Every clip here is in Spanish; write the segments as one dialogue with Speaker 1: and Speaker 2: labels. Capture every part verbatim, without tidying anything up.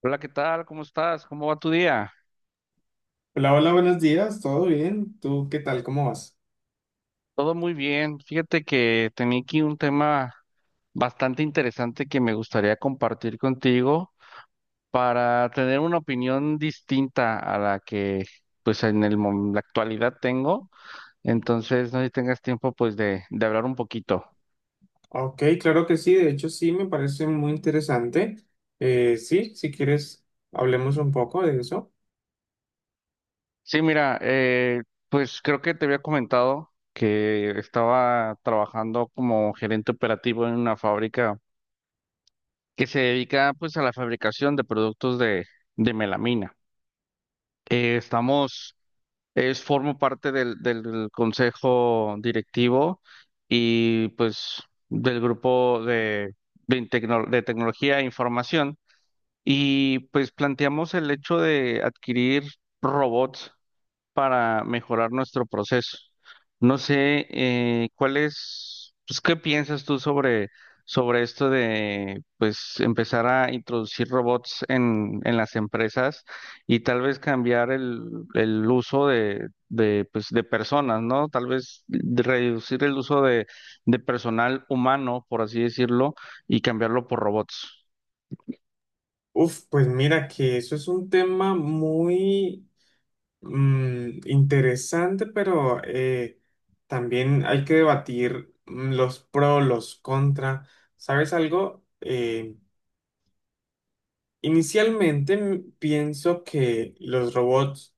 Speaker 1: Hola, ¿qué tal? ¿Cómo estás? ¿Cómo va tu día?
Speaker 2: Hola, hola, buenos días, ¿todo bien? ¿Tú qué tal? ¿Cómo vas?
Speaker 1: Todo muy bien. Fíjate que tenía aquí un tema bastante interesante que me gustaría compartir contigo para tener una opinión distinta a la que pues en el, mom- la actualidad tengo. Entonces, no sé si tengas tiempo pues de, de hablar un poquito.
Speaker 2: Ok, claro que sí, de hecho sí, me parece muy interesante. Eh, sí, si quieres, hablemos un poco de eso.
Speaker 1: Sí, mira, eh, pues creo que te había comentado que estaba trabajando como gerente operativo en una fábrica que se dedica pues a la fabricación de productos de, de melamina. Eh, estamos, es, formo parte del, del consejo directivo y pues del grupo de, de, tecno- de tecnología e información y pues planteamos el hecho de adquirir robots para mejorar nuestro proceso. No sé, eh, cuál es, pues, ¿qué piensas tú sobre, sobre esto de, pues, empezar a introducir robots en, en las empresas y tal vez cambiar el, el uso de, de, pues, de personas, ¿no? Tal vez de reducir el uso de, de personal humano, por así decirlo, y cambiarlo por robots.
Speaker 2: Uf, pues mira que eso es un tema muy mm, interesante, pero eh, también hay que debatir mm, los pros, los contra. ¿Sabes algo? Eh, inicialmente mm, pienso que los robots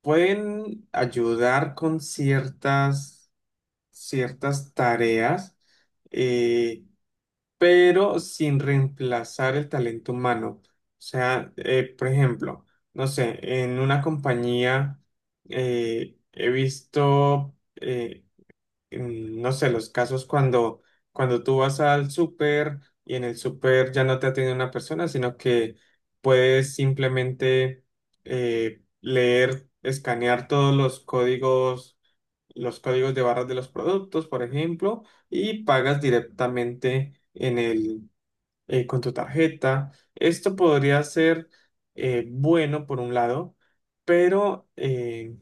Speaker 2: pueden ayudar con ciertas, ciertas tareas, eh, pero sin reemplazar el talento humano. O sea, eh, por ejemplo, no sé, en una compañía eh, he visto, eh, mm, no sé, los casos cuando, cuando tú vas al súper y en el súper ya no te atiende una persona, sino que puedes simplemente eh, leer, escanear todos los códigos, los códigos de barras de los productos, por ejemplo, y pagas directamente en el, eh, con tu tarjeta. Esto podría ser eh, bueno por un lado, pero... eh,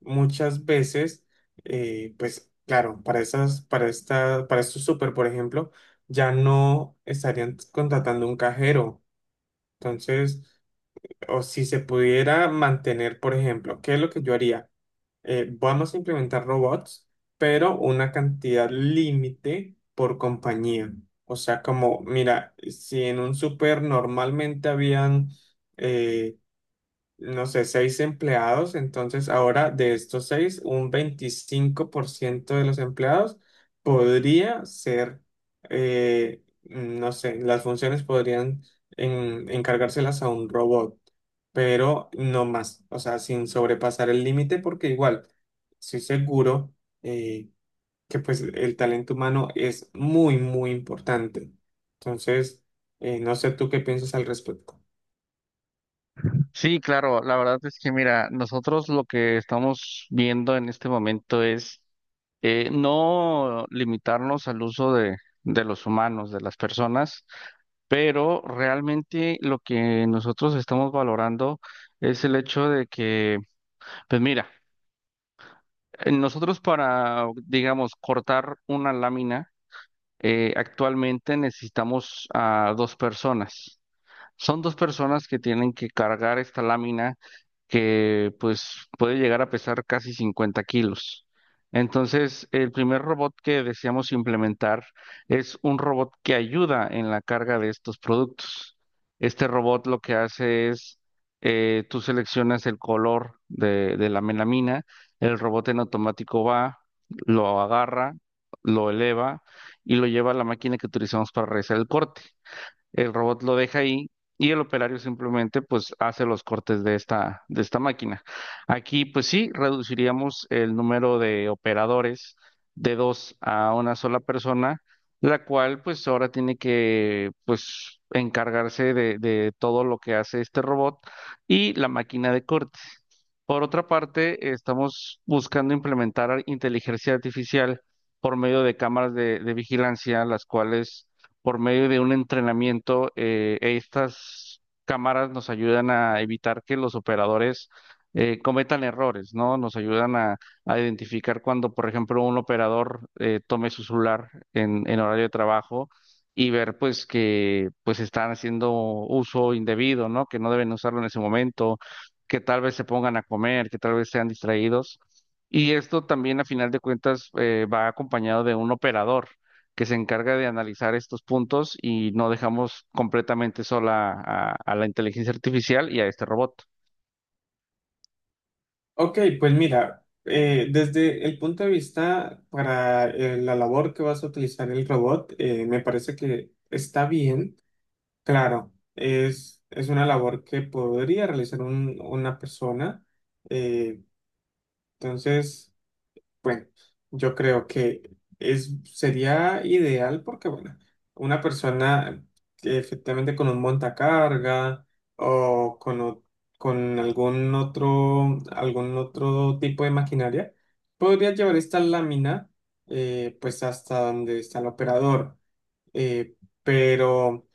Speaker 2: muchas veces, eh, pues claro, para esas para esta, para estos súper, por ejemplo, ya no estarían contratando un cajero. Entonces, o si se pudiera mantener, por ejemplo, ¿qué es lo que yo haría? Eh, vamos a implementar robots, pero una cantidad límite por compañía. O sea, como, mira, si en un súper normalmente habían eh, no sé, seis empleados, entonces ahora de estos seis, un veinticinco por ciento de los empleados podría ser, eh, no sé, las funciones podrían en- encargárselas a un robot, pero no más, o sea, sin sobrepasar el límite, porque igual, estoy seguro eh, que pues el talento humano es muy, muy importante. Entonces, eh, no sé tú qué piensas al respecto.
Speaker 1: Sí, claro, la verdad es que mira, nosotros lo que estamos viendo en este momento es eh, no limitarnos al uso de, de los humanos, de las personas, pero realmente lo que nosotros estamos valorando es el hecho de que, pues mira, eh, nosotros para, digamos, cortar una lámina, eh, actualmente necesitamos a dos personas. Son dos personas que tienen que cargar esta lámina que pues puede llegar a pesar casi 50 kilos. Entonces, el primer robot que deseamos implementar es un robot que ayuda en la carga de estos productos. Este robot lo que hace es, eh, tú seleccionas el color de, de la melamina, el robot en automático va, lo agarra, lo eleva y lo lleva a la máquina que utilizamos para realizar el corte. El robot lo deja ahí y el operario simplemente pues hace los cortes de esta, de esta máquina. Aquí pues sí, reduciríamos el número de operadores de dos a una sola persona, la cual pues ahora tiene que pues encargarse de, de todo lo que hace este robot y la máquina de corte. Por otra parte, estamos buscando implementar inteligencia artificial por medio de cámaras de de vigilancia, las cuales por medio de un entrenamiento, eh, estas cámaras nos ayudan a evitar que los operadores eh, cometan errores, ¿no? Nos ayudan a, a identificar cuando, por ejemplo, un operador eh, tome su celular en, en horario de trabajo y ver, pues, que pues están haciendo uso indebido, ¿no? Que no deben usarlo en ese momento, que tal vez se pongan a comer, que tal vez sean distraídos. Y esto también, a final de cuentas, eh, va acompañado de un operador que se encarga de analizar estos puntos y no dejamos completamente sola a, a la inteligencia artificial y a este robot.
Speaker 2: Ok, pues mira, eh, desde el punto de vista para eh, la labor que vas a utilizar el robot, eh, me parece que está bien. Claro, es, es una labor que podría realizar un- una persona. eh, entonces... Bueno, yo creo que es, sería ideal porque, bueno, una persona que efectivamente con un montacarga o con, o- con algún otro, algún otro tipo de maquinaria podría llevar esta lámina eh, pues hasta donde está el operador. Eh, pero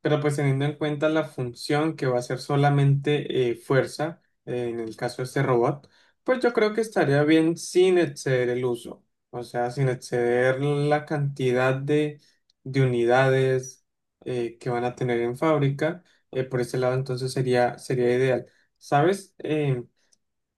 Speaker 2: pero pues teniendo en cuenta la función que va a ser solamente eh, fuerza, eh, en el caso de este robot, pues yo creo que estaría bien sin exceder el uso, o sea, sin exceder la cantidad de, de unidades eh, que van a tener en fábrica, eh, por ese lado entonces sería, sería ideal. ¿Sabes? Em,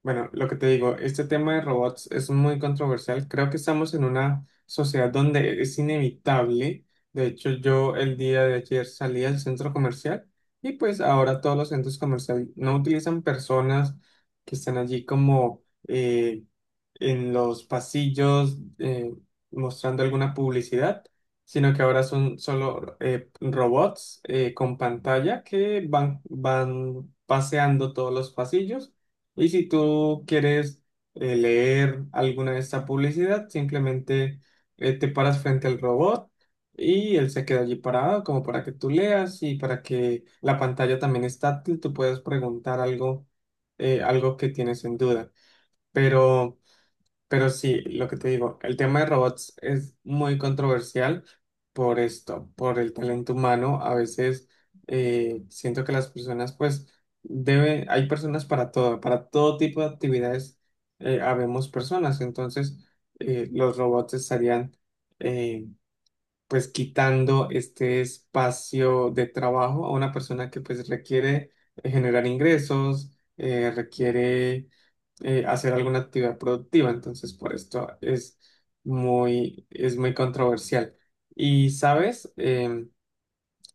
Speaker 2: Bueno, lo que te digo, este tema de robots es muy controversial. Creo que estamos en una sociedad donde es inevitable. De hecho, yo el día de ayer salí al centro comercial y pues ahora todos los centros comerciales no utilizan personas que están allí como eh, en los pasillos eh, mostrando alguna publicidad, sino que ahora son solo eh, robots eh, con pantalla que van, van paseando todos los pasillos. Y si tú quieres eh, leer alguna de esta publicidad, simplemente eh, te paras frente al robot. Y él se queda allí parado como para que tú leas y para que la pantalla también es táctil, tú puedes preguntar algo, eh, algo que tienes en duda. Pero pero sí, lo que te digo, el tema de robots es muy controversial por esto, por el talento humano. A veces eh, siento que las personas, pues, debe, hay personas para todo, para todo tipo de actividades, eh, habemos personas. Entonces, eh, los robots estarían, eh, pues, quitando este espacio de trabajo a una persona que, pues, requiere eh, generar ingresos, eh, requiere eh, hacer alguna actividad productiva, entonces por esto es muy, es muy controversial. Y sabes, Em,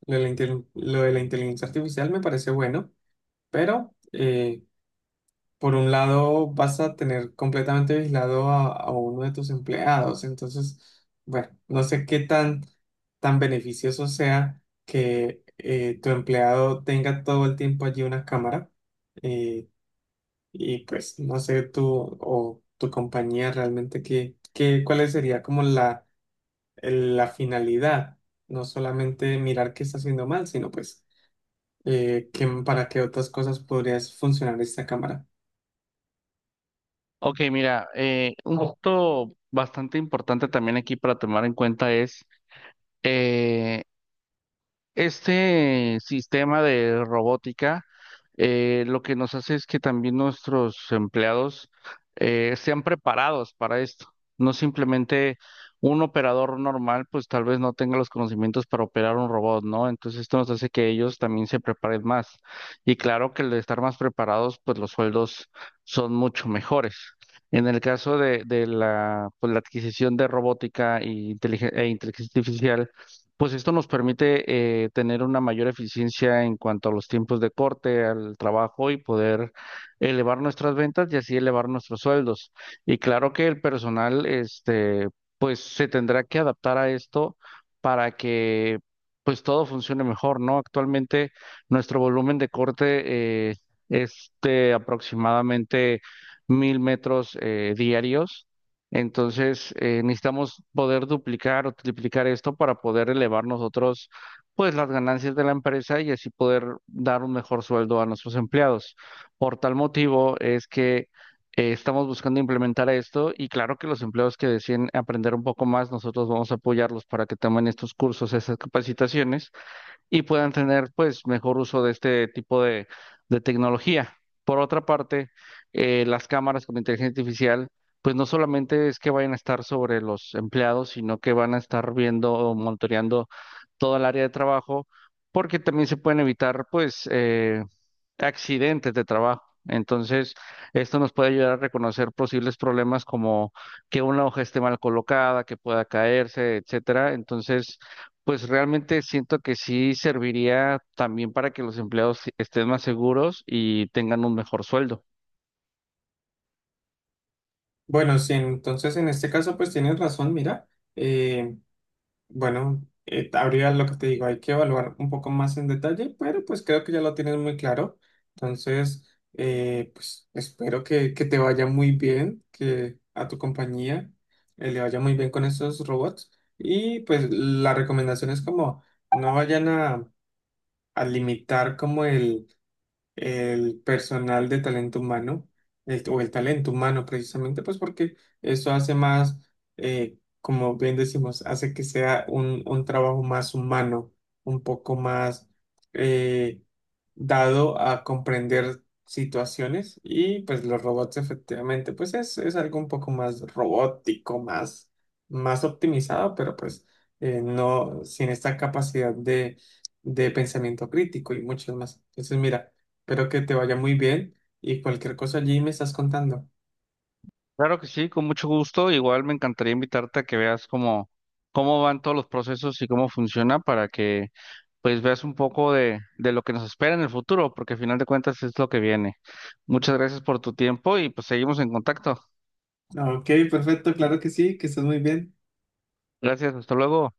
Speaker 2: lo de la, intel- lo de la inteligencia artificial me parece bueno, pero eh, por un lado vas a tener completamente vigilado a, a uno de tus empleados, entonces, bueno, no sé qué tan, tan beneficioso sea que eh, tu empleado tenga todo el tiempo allí una cámara. eh, y pues no sé tú o tu compañía realmente qué, qué, cuál sería como la, el- la finalidad. No solamente mirar qué está haciendo mal, sino pues eh, qué- para qué otras cosas podría funcionar esta cámara.
Speaker 1: Ok, mira, eh, un punto bastante importante también aquí para tomar en cuenta es eh, este sistema de robótica eh, lo que nos hace es que también nuestros empleados eh, sean preparados para esto. No simplemente un operador normal, pues tal vez no tenga los conocimientos para operar un robot, ¿no? Entonces esto nos hace que ellos también se preparen más. Y claro que al estar más preparados, pues los sueldos son mucho mejores. En el caso de, de la, pues, la adquisición de robótica y inteligen- e inteligencia artificial, pues esto nos permite eh, tener una mayor eficiencia en cuanto a los tiempos de corte, al trabajo y poder elevar nuestras ventas y así elevar nuestros sueldos. Y claro que el personal, este, pues se tendrá que adaptar a esto para que pues todo funcione mejor, ¿no? Actualmente nuestro volumen de corte eh, es de aproximadamente mil metros eh, diarios. Entonces, eh, necesitamos poder duplicar o triplicar esto para poder elevar nosotros, pues, las ganancias de la empresa y así poder dar un mejor sueldo a nuestros empleados. Por tal motivo es que eh, estamos buscando implementar esto y claro que los empleados que deciden aprender un poco más, nosotros vamos a apoyarlos para que tomen estos cursos, esas capacitaciones y puedan tener pues mejor uso de este tipo de, de tecnología. Por otra parte, eh, las cámaras con inteligencia artificial, pues no solamente es que vayan a estar sobre los empleados, sino que van a estar viendo o monitoreando todo el área de trabajo, porque también se pueden evitar pues eh, accidentes de trabajo. Entonces, esto nos puede ayudar a reconocer posibles problemas como que una hoja esté mal colocada, que pueda caerse, etcétera. Entonces, pues realmente siento que sí serviría también para que los empleados estén más seguros y tengan un mejor sueldo.
Speaker 2: Bueno, sí, entonces en este caso pues tienes razón, mira. eh, Bueno, eh, habría lo que te digo, hay que evaluar un poco más en detalle, pero pues creo que ya lo tienes muy claro. Entonces, eh, pues espero que, que te vaya muy bien, que a tu compañía eh, le vaya muy bien con estos robots. Y pues la recomendación es como no vayan a, a limitar como el el personal de talento humano, el- o el talento humano precisamente, pues porque eso hace más, eh, como bien decimos, hace que sea un, un trabajo más humano, un poco más eh, dado a comprender situaciones y pues los robots efectivamente pues es, es algo un poco más robótico, más, más optimizado, pero pues eh, no sin esta capacidad de, de pensamiento crítico y muchas más. Entonces mira, espero que te vaya muy bien y cualquier cosa allí me estás contando.
Speaker 1: Claro que sí, con mucho gusto. Igual me encantaría invitarte a que veas cómo, cómo van todos los procesos y cómo funciona para que pues veas un poco de, de lo que nos espera en el futuro, porque al final de cuentas es lo que viene. Muchas gracias por tu tiempo y pues seguimos en contacto.
Speaker 2: Ok, perfecto, claro que sí, que estás muy bien.
Speaker 1: Gracias, hasta luego.